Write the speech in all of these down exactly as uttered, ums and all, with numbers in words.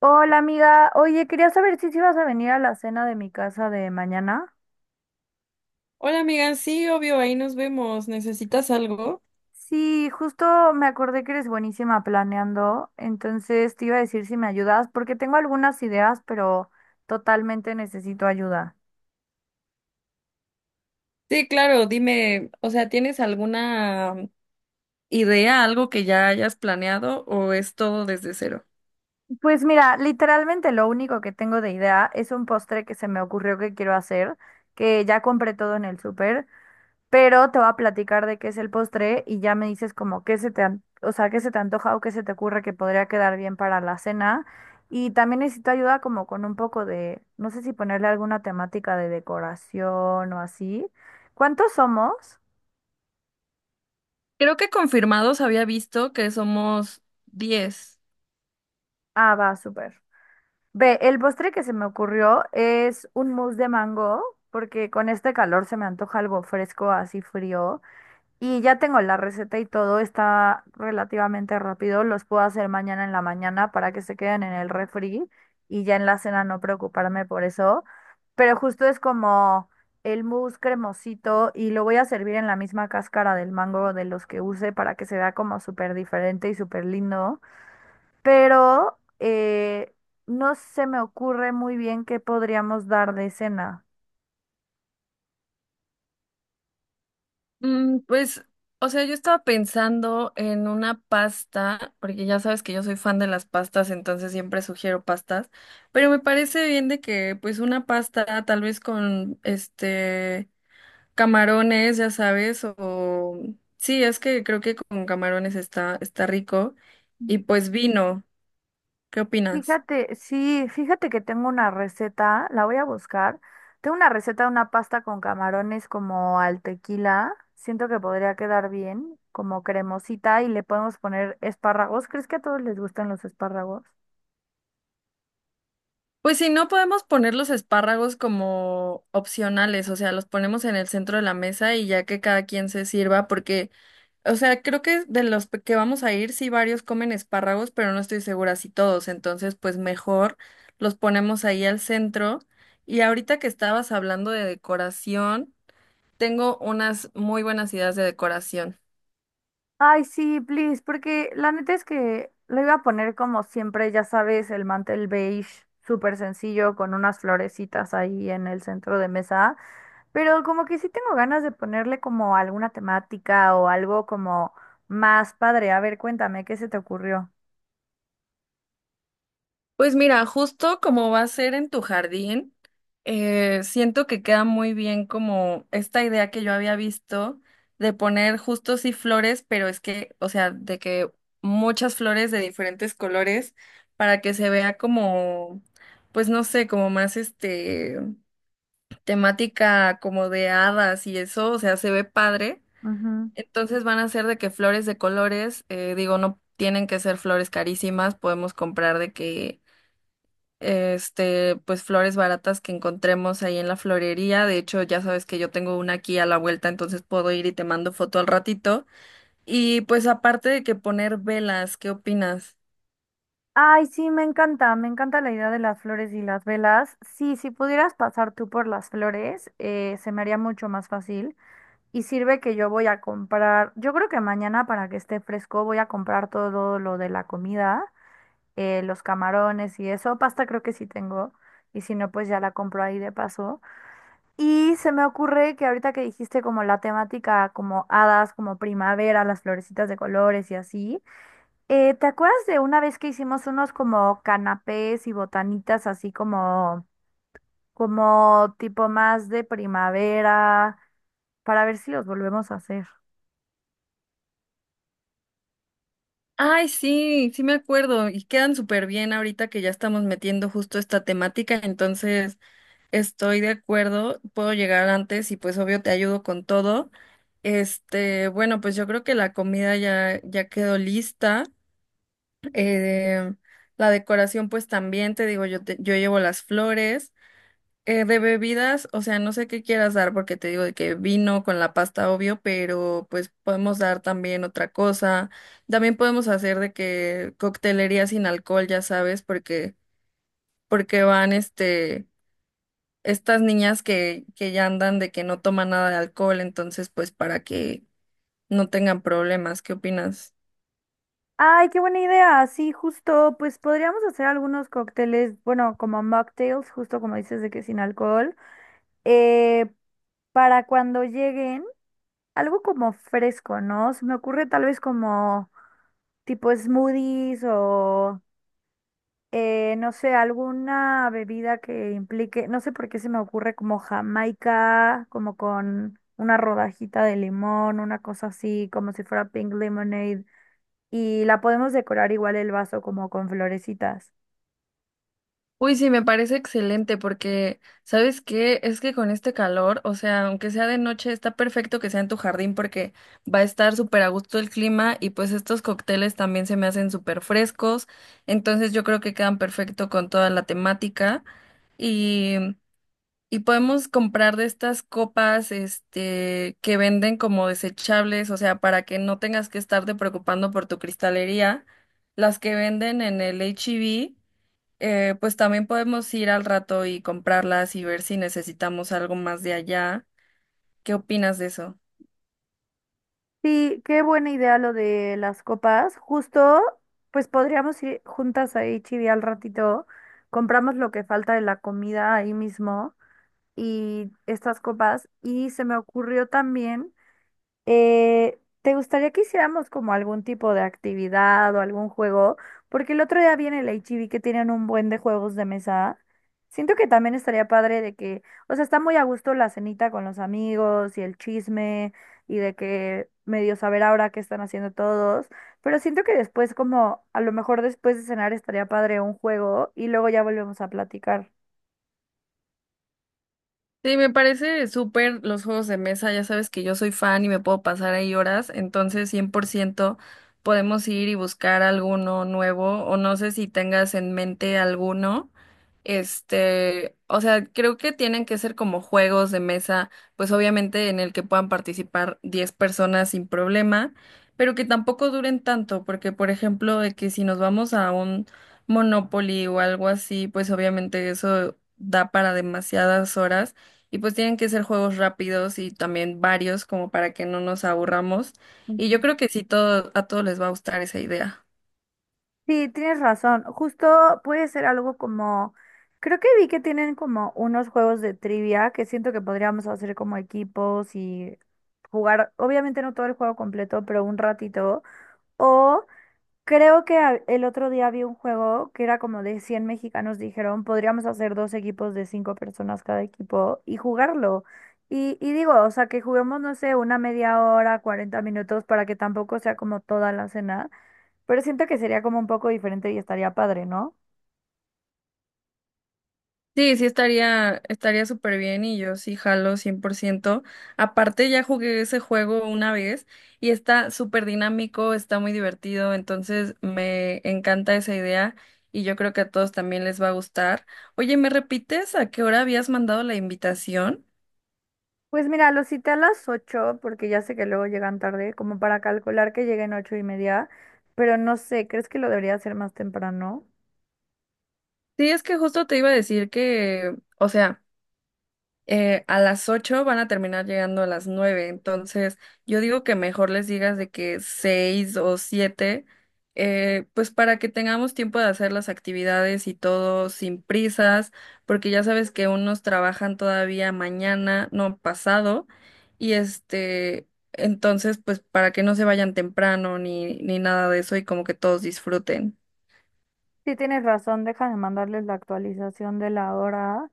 Hola amiga, oye, quería saber si sí ibas a venir a la cena de mi casa de mañana. Hola amiga, sí, obvio, ahí nos vemos. ¿Necesitas algo? Sí, justo me acordé que eres buenísima planeando, entonces te iba a decir si me ayudas, porque tengo algunas ideas, pero totalmente necesito ayuda. Sí, claro, dime, o sea, ¿tienes alguna idea, algo que ya hayas planeado o es todo desde cero? Pues mira, literalmente lo único que tengo de idea es un postre que se me ocurrió que quiero hacer, que ya compré todo en el súper, pero te voy a platicar de qué es el postre y ya me dices como qué se te, an- o sea, qué se te antoja o qué se te ocurre que podría quedar bien para la cena. Y también necesito ayuda como con un poco de, no sé si ponerle alguna temática de decoración o así. ¿Cuántos somos? Creo que confirmados había visto que somos diez. Ah, va, súper. Ve, el postre que se me ocurrió es un mousse de mango, porque con este calor se me antoja algo fresco, así frío. Y ya tengo la receta y todo, está relativamente rápido. Los puedo hacer mañana en la mañana para que se queden en el refri y ya en la cena no preocuparme por eso. Pero justo es como el mousse cremosito y lo voy a servir en la misma cáscara del mango de los que use para que se vea como súper diferente y súper lindo. Pero eh, no se me ocurre muy bien qué podríamos dar de cena. Mm, pues, o sea, yo estaba pensando en una pasta, porque ya sabes que yo soy fan de las pastas, entonces siempre sugiero pastas, pero me parece bien de que pues una pasta tal vez con este, camarones, ya sabes. O sí, es que creo que con camarones está, está rico. Y pues vino, ¿qué opinas? Fíjate, sí, fíjate que tengo una receta, la voy a buscar. Tengo una receta de una pasta con camarones como al tequila. Siento que podría quedar bien, como cremosita y le podemos poner espárragos. ¿Crees que a todos les gustan los espárragos? Pues si no podemos poner los espárragos como opcionales, o sea, los ponemos en el centro de la mesa y ya que cada quien se sirva, porque, o sea, creo que de los pe- que vamos a ir, sí varios comen espárragos, pero no estoy segura si todos, entonces pues mejor los ponemos ahí al centro. Y ahorita que estabas hablando de decoración, tengo unas muy buenas ideas de decoración. Ay, sí, please, porque la neta es que lo iba a poner como siempre, ya sabes, el mantel beige, súper sencillo, con unas florecitas ahí en el centro de mesa, pero como que sí tengo ganas de ponerle como alguna temática o algo como más padre. A ver, cuéntame, ¿qué se te ocurrió? Pues mira, justo como va a ser en tu jardín, eh, siento que queda muy bien como esta idea que yo había visto de poner justo sí flores, pero es que, o sea, de que muchas flores de diferentes colores para que se vea como, pues no sé, como más este temática como de hadas y eso, o sea, se ve padre. Ujú. Entonces van a ser de que flores de colores, eh, digo, no tienen que ser flores carísimas, podemos comprar de que, este, pues flores baratas que encontremos ahí en la florería. De hecho, ya sabes que yo tengo una aquí a la vuelta, entonces puedo ir y te mando foto al ratito. Y pues aparte de que poner velas, ¿qué opinas? Ay, sí, me encanta, me encanta la idea de las flores y las velas. Sí, si pudieras pasar tú por las flores, eh, se me haría mucho más fácil. Y sirve que yo voy a comprar, yo creo que mañana para que esté fresco voy a comprar todo lo de la comida, eh, los camarones y eso, pasta creo que sí tengo, y si no, pues ya la compro ahí de paso. Y se me ocurre que ahorita que dijiste como la temática, como hadas, como primavera, las florecitas de colores y así, eh, ¿te acuerdas de una vez que hicimos unos como canapés y botanitas así como, como tipo más de primavera, para ver si los volvemos a hacer? Ay, sí, sí me acuerdo y quedan súper bien ahorita que ya estamos metiendo justo esta temática, entonces estoy de acuerdo, puedo llegar antes y pues obvio te ayudo con todo. Este, bueno, pues yo creo que la comida ya, ya quedó lista. Eh, la decoración pues también, te digo, yo, te- yo llevo las flores. Eh, de bebidas, o sea, no sé qué quieras dar porque te digo de que vino con la pasta, obvio, pero pues podemos dar también otra cosa. También podemos hacer de que coctelería sin alcohol, ya sabes, porque, porque van este estas niñas, que, que ya andan de que no toman nada de alcohol, entonces pues para que no tengan problemas, ¿qué opinas? Ay, qué buena idea. Sí, justo, pues podríamos hacer algunos cócteles, bueno, como mocktails, justo como dices de que sin alcohol, eh, para cuando lleguen, algo como fresco, ¿no? Se me ocurre tal vez como tipo smoothies o, eh, no sé, alguna bebida que implique, no sé por qué se me ocurre como Jamaica, como con una rodajita de limón, una cosa así, como si fuera pink lemonade y la podemos decorar igual el vaso como con florecitas. Uy, sí, me parece excelente porque, ¿sabes qué? Es que con este calor, o sea, aunque sea de noche, está perfecto que sea en tu jardín porque va a estar súper a gusto el clima y pues estos cócteles también se me hacen súper frescos, entonces yo creo que quedan perfecto con toda la temática. y Y podemos comprar de estas copas, este, que venden como desechables, o sea, para que no tengas que estarte preocupando por tu cristalería. Las que venden en el H E B, eh, pues también podemos ir al rato y comprarlas y ver si necesitamos algo más de allá. ¿Qué opinas de eso? Sí, qué buena idea lo de las copas. Justo, pues podríamos ir juntas ahí h al ratito, compramos lo que falta de la comida ahí mismo y estas copas. Y se me ocurrió también. Eh, ¿te gustaría que hiciéramos como algún tipo de actividad o algún juego? Porque el otro día viene el H E B que tienen un buen de juegos de mesa. Siento que también estaría padre de que, o sea, está muy a gusto la cenita con los amigos y el chisme y de que medio saber ahora qué están haciendo todos, pero siento que después como a lo mejor después de cenar estaría padre un juego y luego ya volvemos a platicar. Sí, me parece súper los juegos de mesa, ya sabes que yo soy fan y me puedo pasar ahí horas, entonces cien por ciento podemos ir y buscar alguno nuevo o no sé si tengas en mente alguno. Este, o sea, creo que tienen que ser como juegos de mesa, pues obviamente en el que puedan participar diez personas sin problema, pero que tampoco duren tanto, porque por ejemplo, de que si nos vamos a un Monopoly o algo así, pues obviamente eso da para demasiadas horas y pues tienen que ser juegos rápidos y también varios como para que no nos aburramos. Y yo creo que sí todo, a todos les va a gustar esa idea. Sí, tienes razón. Justo puede ser algo como, creo que vi que tienen como unos juegos de trivia que siento que podríamos hacer como equipos y jugar, obviamente no todo el juego completo, pero un ratito. O creo que a- el otro día vi un juego que era como de cien mexicanos, dijeron, podríamos hacer dos equipos de cinco personas cada equipo y jugarlo. Y, y digo, o sea, que juguemos, no sé, una media hora, cuarenta minutos para que tampoco sea como toda la cena. Pero siento que sería como un poco diferente y estaría padre, ¿no? Sí, sí estaría, estaría súper bien y yo sí jalo cien por ciento. Aparte ya jugué ese juego una vez y está súper dinámico, está muy divertido, entonces me encanta esa idea y yo creo que a todos también les va a gustar. Oye, ¿me repites a qué hora habías mandado la invitación? Pues mira, los cité a las ocho porque ya sé que luego llegan tarde, como para calcular que lleguen ocho y media, pero no sé, ¿crees que lo debería hacer más temprano? Sí, es que justo te iba a decir que, o sea, eh, a las ocho van a terminar llegando a las nueve, entonces yo digo que mejor les digas de que seis o siete, eh, pues para que tengamos tiempo de hacer las actividades y todo sin prisas, porque ya sabes que unos trabajan todavía mañana, no pasado, y este, entonces pues para que no se vayan temprano ni, ni nada de eso y como que todos disfruten. Sí, tienes razón, déjame mandarles la actualización de la hora.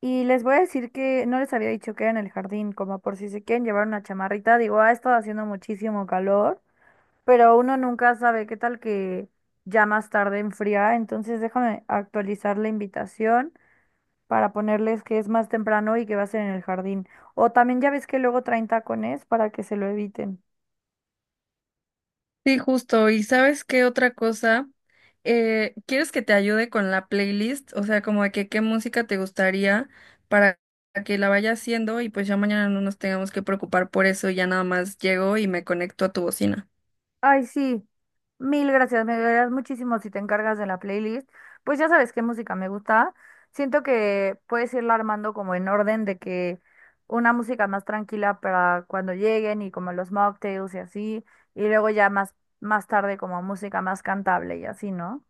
Y les voy a decir que no les había dicho que era en el jardín, como por si se quieren llevar una chamarrita. Digo, ha estado haciendo muchísimo calor, pero uno nunca sabe qué tal que ya más tarde enfría. Entonces déjame actualizar la invitación para ponerles que es más temprano y que va a ser en el jardín. O también ya ves que luego traen tacones para que se lo eviten. Sí, justo. ¿Y sabes qué otra cosa? Eh, ¿quieres que te ayude con la playlist? O sea, como de que qué música te gustaría para que la vaya haciendo y pues ya mañana no nos tengamos que preocupar por eso. Ya nada más llego y me conecto a tu bocina. Ay, sí, mil gracias, me ayudarás muchísimo si te encargas de la playlist. Pues ya sabes qué música me gusta. Siento que puedes irla armando como en orden de que una música más tranquila para cuando lleguen y como los mocktails y así, y luego ya más, más tarde como música más cantable y así, ¿no?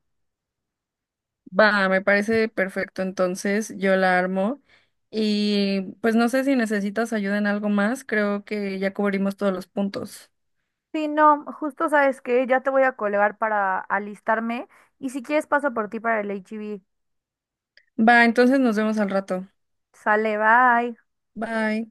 Va, me parece perfecto. Entonces yo la armo y pues no sé si necesitas ayuda en algo más. Creo que ya cubrimos todos los puntos. Sí, no, justo sabes que ya te voy a colgar para alistarme y si quieres paso por ti para el H I V. Va, entonces nos vemos al rato. Sale, bye. Bye.